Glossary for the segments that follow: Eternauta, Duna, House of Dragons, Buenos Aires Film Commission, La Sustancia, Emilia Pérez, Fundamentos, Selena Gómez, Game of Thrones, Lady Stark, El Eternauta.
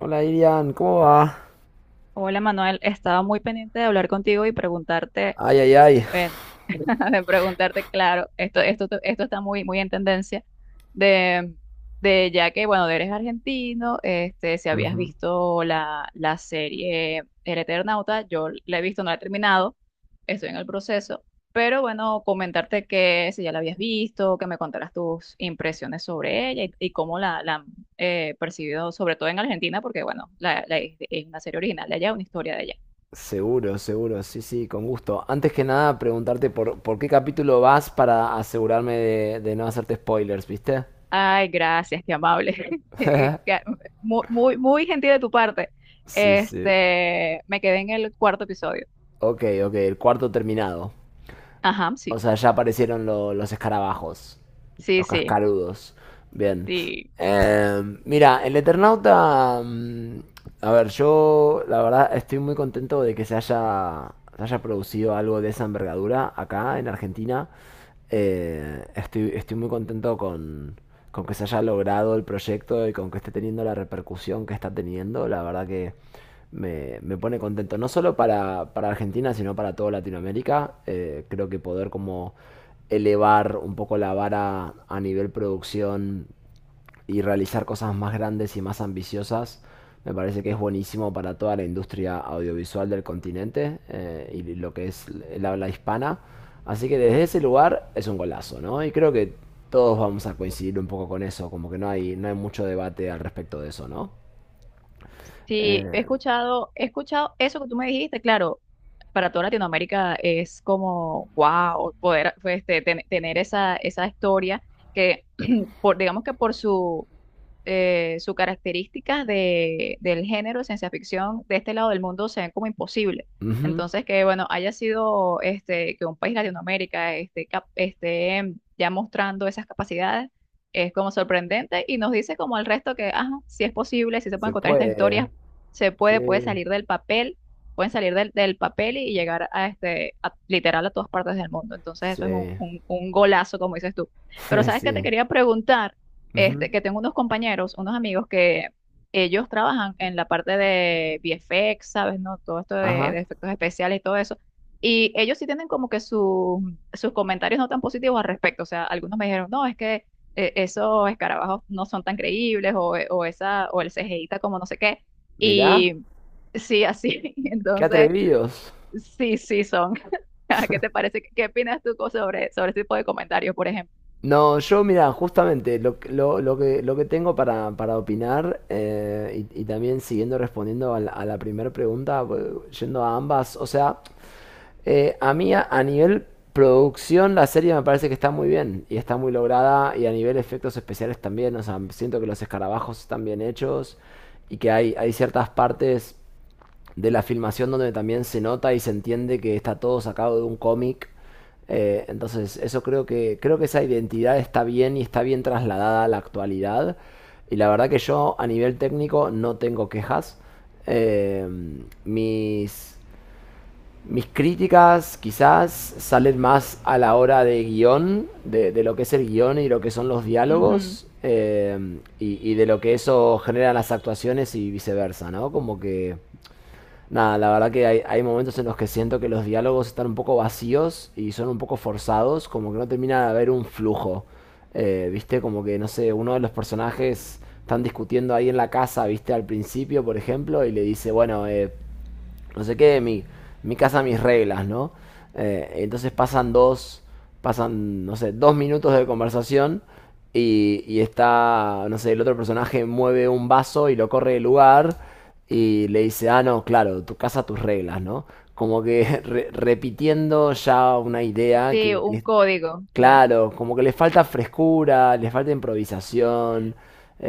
Hola Irian, ¿cómo va? Hola Manuel, estaba muy pendiente de hablar contigo y preguntarte, Ay, ay, ay. bueno, de preguntarte, claro, esto está muy, muy en tendencia, de, de ya que, bueno, eres argentino, este, si habías visto la serie El Eternauta, yo la he visto, no la he terminado, estoy en el proceso, pero bueno, comentarte que si ya la habías visto, que me contaras tus impresiones sobre ella y cómo la han percibido, sobre todo en Argentina, porque bueno, es una serie original de allá, una historia de allá. Seguro, seguro, sí, sí, con gusto. Antes que nada, preguntarte por qué capítulo vas para asegurarme de no hacerte spoilers, ¿viste? Ay, gracias, qué amable. Qué- Muy, muy, muy gentil de tu parte. Sí, sí. Este, me quedé en el cuarto episodio. Ok, ok, el cuarto terminado. Ajá, O sí. sea, ya aparecieron los escarabajos. Sí, Los sí, cascarudos. Bien. sí. Mira, el Eternauta. A ver, yo la verdad estoy muy contento de que se haya producido algo de esa envergadura acá en Argentina. Estoy muy contento con que se haya logrado el proyecto y con que esté teniendo la repercusión que está teniendo. La verdad que me pone contento, no solo para Argentina, sino para toda Latinoamérica. Creo que poder como elevar un poco la vara a nivel producción y realizar cosas más grandes y más ambiciosas, me parece que es buenísimo para toda la industria audiovisual del continente y lo que es el habla hispana. Así que desde ese lugar es un golazo, ¿no? Y creo que todos vamos a coincidir un poco con eso, como que no hay, no hay mucho debate al respecto de eso, ¿no? Sí, Eh, he escuchado eso que tú me dijiste, claro, para toda Latinoamérica es como, wow, poder pues, este, tener esa historia que, por, digamos que por su sus características del género de ciencia ficción de este lado del mundo se ven como imposible. ujú. Entonces, que bueno, haya sido este, que un país Latinoamérica este, esté ya mostrando esas capacidades es como sorprendente y nos dice como al resto que, ajá, sí es posible, sí se pueden Se encontrar estas puede. historias, se Sí, puede, puede salir del papel, pueden salir del papel y llegar a este, literal a todas partes del mundo. Entonces, eso es un, sí, un golazo, como dices tú. Pero, ¿sabes qué te sí. quería preguntar? Ujú. Este, que tengo unos compañeros, unos amigos que ellos trabajan en la parte de VFX, ¿sabes? ¿No? Todo esto de, Ajá. de efectos especiales y todo eso. Y ellos sí tienen como que sus comentarios no tan positivos al respecto. O sea, algunos me dijeron, no, es que esos escarabajos no son tan creíbles o esa, o el CGI está como no sé qué. Mirá. Y sí, así. Qué Entonces, atrevidos. sí, sí son. ¿Qué te parece? ¿Qué opinas tú sobre ese tipo de comentarios, por ejemplo? No, yo mira, justamente lo que tengo para opinar y también siguiendo respondiendo a la primera pregunta, yendo a ambas, o sea, a mí a nivel producción la serie me parece que está muy bien y está muy lograda y a nivel efectos especiales también, o sea, siento que los escarabajos están bien hechos y que hay ciertas partes de la filmación donde también se nota y se entiende que está todo sacado de un cómic. Entonces, eso creo creo que esa identidad está bien y está bien trasladada a la actualidad. Y la verdad que yo a nivel técnico no tengo quejas. Eh, mis, mis críticas quizás salen más a la hora de guión, de lo que es el guión y lo que son los Ujú. diálogos, y de lo que eso genera en las actuaciones y viceversa, ¿no? Como que nada, la verdad que hay momentos en los que siento que los diálogos están un poco vacíos y son un poco forzados, como que no termina de haber un flujo. ¿Viste? Como que, no sé, uno de los personajes están discutiendo ahí en la casa, ¿viste? Al principio, por ejemplo, y le dice, bueno, no sé qué, mi casa, mis reglas, ¿no? Entonces pasan, no sé, dos minutos de conversación y está, no sé, el otro personaje mueve un vaso y lo corre del lugar y le dice, ah, no, claro, tu casa, tus reglas, ¿no? Como que repitiendo ya una idea Sí, que un es código, claro. claro, como que le falta frescura, le falta improvisación.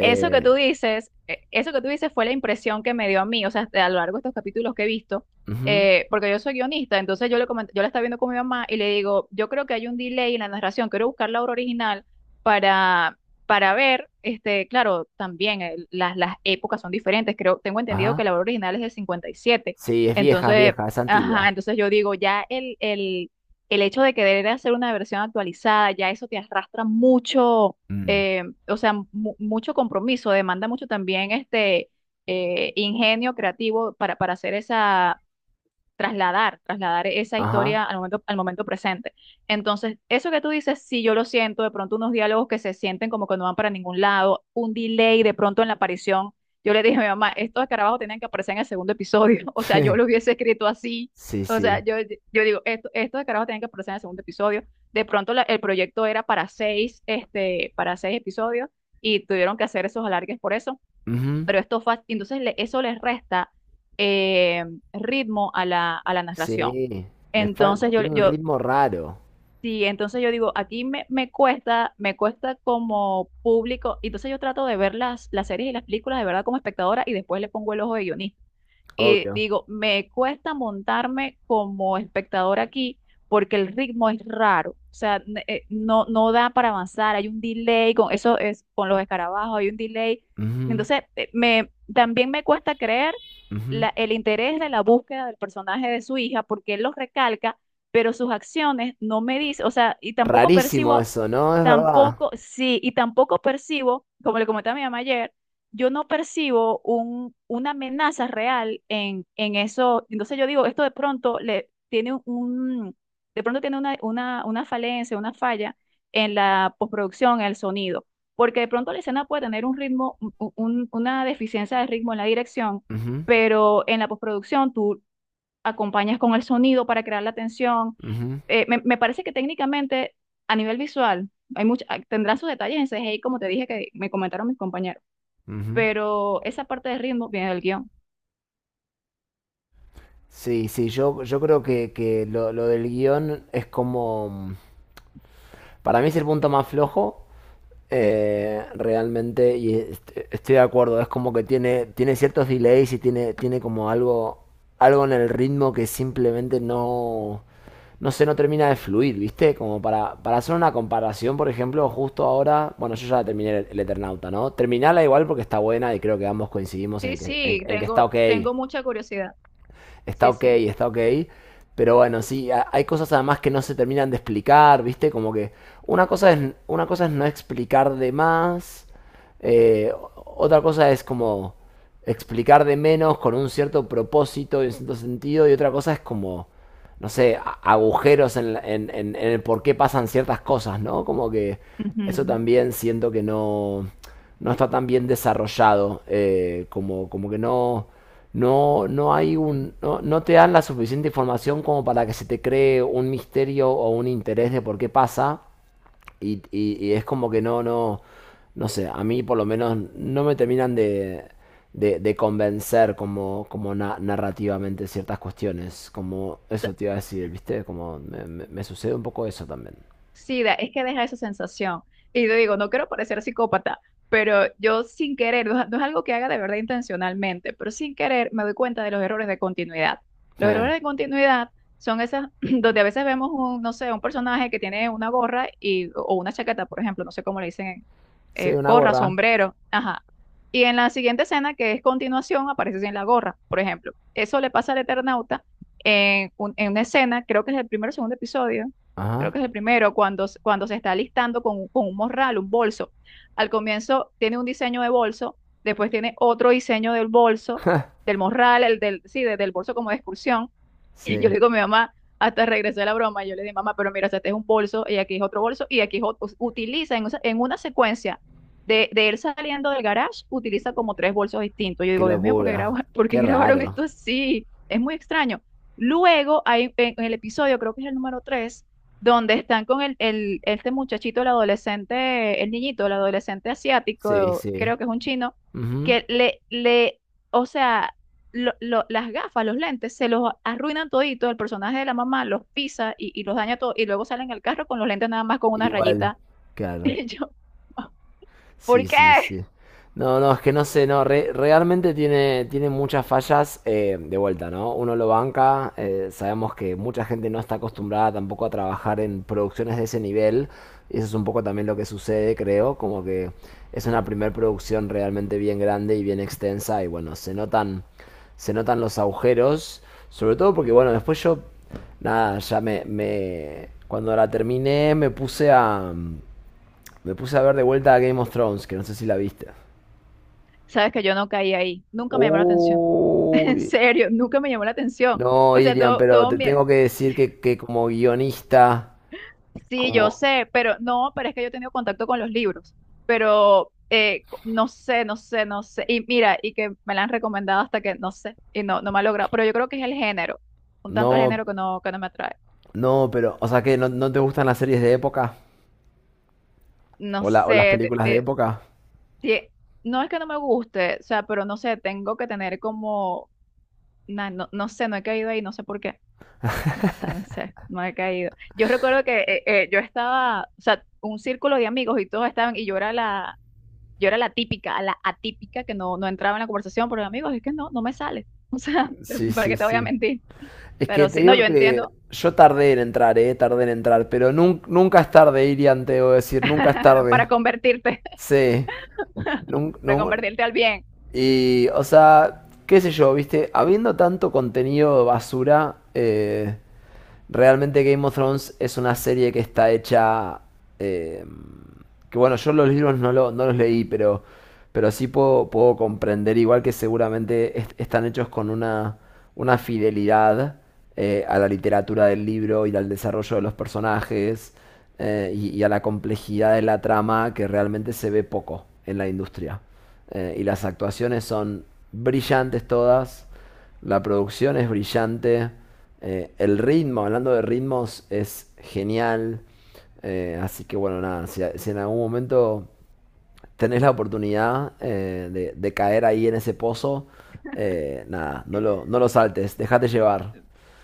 Eso que tú dices fue la impresión que me dio a mí, o sea, a lo largo de estos capítulos que he visto, ujú, porque yo soy guionista, entonces yo la estaba viendo con mi mamá y le digo, yo creo que hay un delay en la narración, quiero buscar la obra original para, para ver, este, claro, también las épocas son diferentes, creo, tengo entendido que ajá. la obra original es del 57, Sí, es vieja, es entonces, vieja, es ajá, antigua. entonces yo digo, ya el hecho de querer hacer una versión actualizada, ya eso te arrastra mucho, Mm. O sea, mucho compromiso, demanda mucho también ingenio creativo para hacer esa, trasladar esa Ajá. historia al momento presente. Entonces, eso que tú dices, sí, yo lo siento, de pronto unos diálogos que se sienten como que no van para ningún lado, un delay de pronto en la aparición. Yo le dije a mi mamá, estos escarabajos tenían que aparecer en el segundo episodio, o sea, yo lo hubiese escrito así, Sí, o sea, sí. yo digo, estos escarabajos tenían que aparecer en el segundo episodio. De pronto el proyecto era para seis episodios y tuvieron que hacer esos alargues por eso, Ujú, pero entonces eso les resta eh, ritmo a la narración. sí. Entonces yo, Tiene un yo, ritmo raro, sí, entonces yo digo, aquí me cuesta, me cuesta como público, entonces yo trato de ver las series y las películas de verdad como espectadora y después le pongo el ojo de guionista. Y obvio. digo, me cuesta montarme como espectador aquí porque el ritmo es raro. O sea, no, no da para avanzar, hay un delay, con eso es con los escarabajos, hay un delay. Ujú, Entonces, también me cuesta creer ujú, el interés de la búsqueda del personaje de su hija porque él los recalca, pero sus acciones no me dice, o sea, y tampoco rarísimo percibo. eso, ¿no? Es verdad. Tampoco, sí, y tampoco percibo, como le comenté a mi mamá ayer, yo no percibo una amenaza real en eso. Entonces yo digo, esto de pronto le tiene un, de pronto tiene una falencia, una falla en la postproducción, en el sonido, porque de pronto la escena puede tener un ritmo, una deficiencia de ritmo en la dirección, Ujú, pero en la postproducción tú acompañas con el sonido para crear la tensión. ujú, Me parece que técnicamente, a nivel visual, hay mucha, tendrán sus detalles en CGI, como te dije que me comentaron mis compañeros, ujú. pero esa parte de ritmo viene del guión. Sí, sí, yo creo que lo del guión es como... Para mí es el punto más flojo. Realmente, y estoy de acuerdo, es como que tiene, tiene ciertos delays y tiene, tiene como algo, algo en el ritmo que simplemente no sé, no termina de fluir, ¿viste? Como para hacer una comparación, por ejemplo, justo ahora, bueno, yo ya terminé el Eternauta, ¿no? Terminala igual porque está buena y creo que ambos coincidimos Sí, en que sí, en que está tengo, ok, tengo mucha curiosidad. está Sí, ok, sí. está ok. Pero bueno, sí, hay cosas además que no se terminan de explicar, ¿viste? Como que una cosa es no explicar de más, otra cosa es como explicar de menos con un cierto propósito y un cierto sentido, y otra cosa es como, no sé, agujeros en, la- en el por qué pasan ciertas cosas, ¿no? Como que eso Ujú. también siento que no está tan bien desarrollado, como que no hay un, no, no te dan la suficiente información como para que se te cree un misterio o un interés de por qué pasa y es como que no sé, a mí por lo menos no me terminan de convencer narrativamente ciertas cuestiones, como eso te iba a decir, ¿viste? Como me sucede un poco eso también. Sí, es que deja esa sensación. Y te digo, no quiero parecer psicópata, pero yo sin querer, no, no es algo que haga de verdad intencionalmente, pero sin querer me doy cuenta de los errores de continuidad. Los Eh, errores de continuidad son esas donde a veces vemos un, no sé, un personaje que tiene una gorra y, o una chaqueta, por ejemplo, no sé cómo le dicen, sí, una gorra, gorra. sombrero, ajá. Y en la siguiente escena, que es continuación, aparece sin la gorra, por ejemplo. Eso le pasa al Eternauta en una escena, creo que es el primer o segundo episodio. Creo Ajá. que es el primero, cuando se está alistando con un morral, un bolso. Al comienzo tiene un diseño de bolso, después tiene otro diseño del bolso, del morral, el del, sí, del bolso como de excursión, yo Sí. le digo a mi mamá, hasta regresé a la broma, yo le dije, mamá, pero mira, o sea, este es un bolso y aquí es otro bolso y aquí es otro. Utiliza en una secuencia de él saliendo del garage, utiliza como tres bolsos distintos. Yo Qué digo, Dios mío, ¿por qué locura. Por qué Qué grabaron raro. esto así? Es muy extraño. Luego, en el episodio, creo que es el número 3, donde están con este muchachito, el adolescente, el niñito, el adolescente Sí, asiático, sí. creo que es un chino, Ujú. que o sea las gafas, los lentes, se los arruinan todito, el personaje de la mamá los pisa y los daña todo, y luego salen al carro con los lentes nada más con una Igual. rayita. Claro. Y yo, Sí, ¿por sí, qué? sí. No, no, es que no sé, no, realmente tiene, tiene muchas fallas de vuelta, ¿no? Uno lo banca, sabemos que mucha gente no está acostumbrada tampoco a trabajar en producciones de ese nivel, y eso es un poco también lo que sucede, creo, como que es una primer producción realmente bien grande y bien extensa, y bueno, se notan los agujeros, sobre todo porque, bueno, después yo, nada, ya me, cuando la terminé me puse a... Me puse a ver de vuelta a Game of Thrones, que no sé si la viste. Sabes que yo no caí ahí, nunca me llamó la atención, Uy. en serio, nunca me llamó la atención. No, O sea, Irian, todo, pero todo te mi. tengo que decir que como guionista, Sí, yo como... sé, pero no, pero es que yo he tenido contacto con los libros, pero no sé, no sé, no sé. Y mira, y que me la han recomendado hasta que no sé, y no, no me ha logrado, pero yo creo que es el género, un tanto el género No, que no me atrae. no, pero... O sea, que no te gustan las series de época No o las sé, películas de época. tie- no es que no me guste, o sea, pero no sé, tengo que tener como, no, no sé, no he caído ahí, no sé por qué, no sé, no sé, no he caído. Yo recuerdo que yo estaba, o sea, un círculo de amigos y todos estaban, y yo era la típica, la atípica que no, no entraba en la conversación, pero amigos, es que no, no me sale, o sea, Sí, ¿para sí, qué te voy sí. a mentir? Es que Pero te sí, no, digo yo que entiendo, yo tardé en entrar, pero nunca es tarde, Irian, te debo decir, nunca es tarde. para convertirte, Sí, nun- para nun- convertirte al bien. y, o sea, qué sé yo, viste, habiendo tanto contenido basura, realmente Game of Thrones es una serie que está hecha... eh, que bueno, yo los libros no los leí, pero sí puedo, puedo comprender, igual que seguramente están hechos con una fidelidad a la literatura del libro y al desarrollo de los personajes y a la complejidad de la trama que realmente se ve poco en la industria. Y las actuaciones son brillantes todas. La producción es brillante. El ritmo, hablando de ritmos, es genial. Así que bueno, nada, si, si en algún momento tenés la oportunidad de caer ahí en ese pozo, nada, no lo saltes, déjate llevar.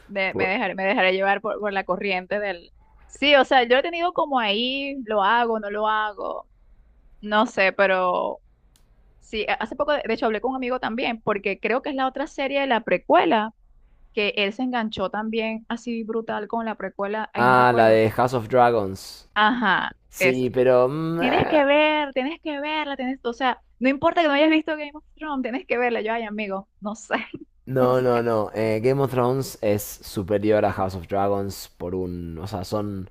Por- Me dejaré llevar por la corriente del. Sí, o sea, yo he tenido como ahí, lo hago, no sé, pero sí, hace poco, de hecho, hablé con un amigo también, porque creo que es la otra serie de la precuela, que él se enganchó también así brutal con la precuela, ay, no Ah, la recuerdo. de House of Dragons. Ajá, Sí, eso. pero... Tienes que ver, tienes que verla, tienes, o sea, no importa que no hayas visto Game of Thrones, tienes que verla. Yo, ay, amigo, no sé, no lo no, no, sé. no. Game of Thrones es superior a House of Dragons por un... O sea, son...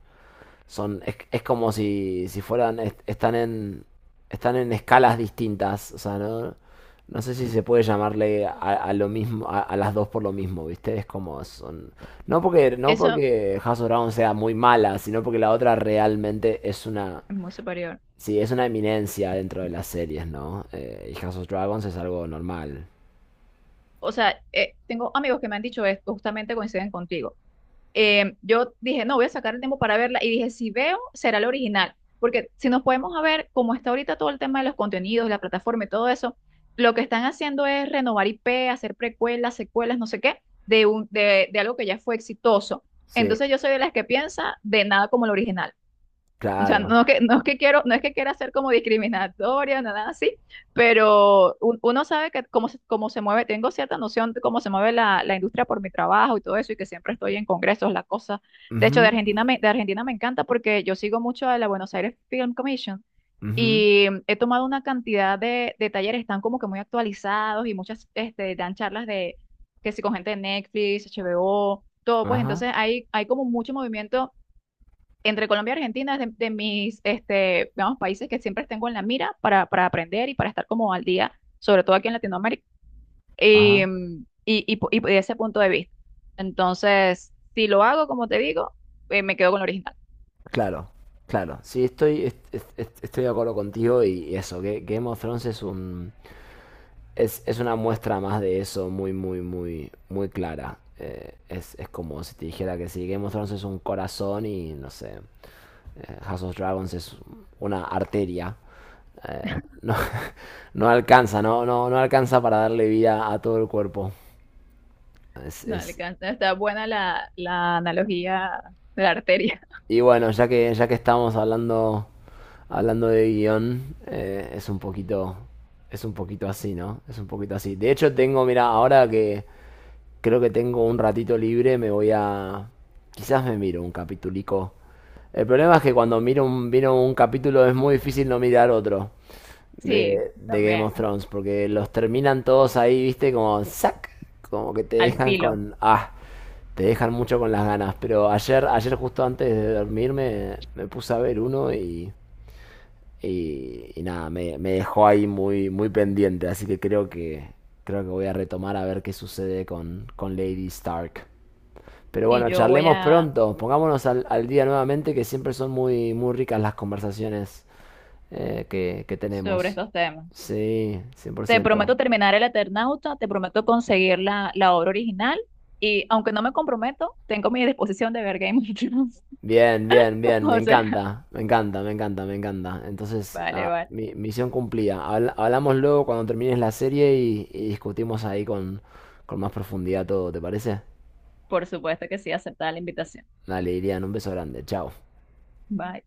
es como si fueran están en escalas distintas, o sea, no sé si se puede llamarle a lo mismo a las dos por lo mismo, viste, es como son no Eso porque House of Dragon sea muy mala, sino porque la otra realmente es una, es muy superior. sí es una eminencia dentro de las series, no. Y House of Dragons es algo normal. O sea, tengo amigos que me han dicho esto, justamente coinciden contigo. Yo dije, no, voy a sacar el tiempo para verla y dije, si veo, será la original, porque si nos podemos a ver cómo está ahorita todo el tema de los contenidos, la plataforma y todo eso, lo que están haciendo es renovar IP, hacer precuelas, secuelas, no sé qué, de algo que ya fue exitoso. Sí, Entonces yo soy de las que piensa de nada como el original. O sea, claro. no que, no es que quiero, no es que quiera ser como discriminatoria, nada así, pero uno sabe que cómo se, mueve, tengo cierta noción de cómo se mueve la industria por mi trabajo y todo eso, y que siempre estoy en congresos, la cosa. De hecho, Ujú, de Argentina me encanta porque yo sigo mucho a la Buenos Aires Film Commission ujú, y he tomado una cantidad de talleres, están como que muy actualizados y muchas dan charlas de que si con gente de Netflix, HBO, todo, pues ajá, entonces hay como mucho movimiento entre Colombia y Argentina es de mis digamos, países que siempre tengo en la mira para aprender y para estar como al día, sobre todo aquí en Latinoamérica, ajá. Y de ese punto de vista. Entonces, si lo hago, como te digo, me quedo con lo original. Claro, claro. Sí, estoy, estoy de acuerdo contigo y eso, que Game of Thrones es un, es una muestra más de eso muy, muy, muy, muy clara. Es como si te dijera que sí, Game of Thrones es un corazón y no sé, House of Dragons es una arteria. Eh, no, no alcanza, no, no, no alcanza para darle vida a todo el cuerpo. Es, No, es- está buena la analogía de la arteria. Y bueno, ya que estamos hablando hablando de guión, es un poquito así, ¿no? Es un poquito así. De hecho, tengo, mira, ahora que creo que tengo un ratito libre, quizás me miro un capitulico. El problema es que cuando miro un capítulo es muy difícil no mirar otro Sí, de Game también, of Thrones, porque los terminan todos ahí, viste, como que te al dejan filo. con, ah, te dejan mucho con las ganas. Pero ayer, ayer justo antes de dormirme, me puse a ver uno y nada, me dejó ahí muy, muy pendiente, así que creo creo que voy a retomar a ver qué sucede con Lady Stark. Pero Y bueno, yo voy charlemos a pronto, pongámonos al, al día nuevamente, que siempre son muy, muy ricas las conversaciones que sobre tenemos. estos temas. Sí, cien por Te ciento prometo terminar el Eternauta, te prometo conseguir la obra original y aunque no me comprometo, tengo mi disposición de ver Game of Thrones. Bien, bien, bien, me O sea, encanta, me encanta, me encanta, me encanta. Entonces, vale, ah, vale. mi misión cumplida. Hablamos luego cuando termines la serie y discutimos ahí con más profundidad todo, ¿te parece? Por supuesto que sí, aceptada la invitación. Dale, Irian, un beso grande. Chao. Bye.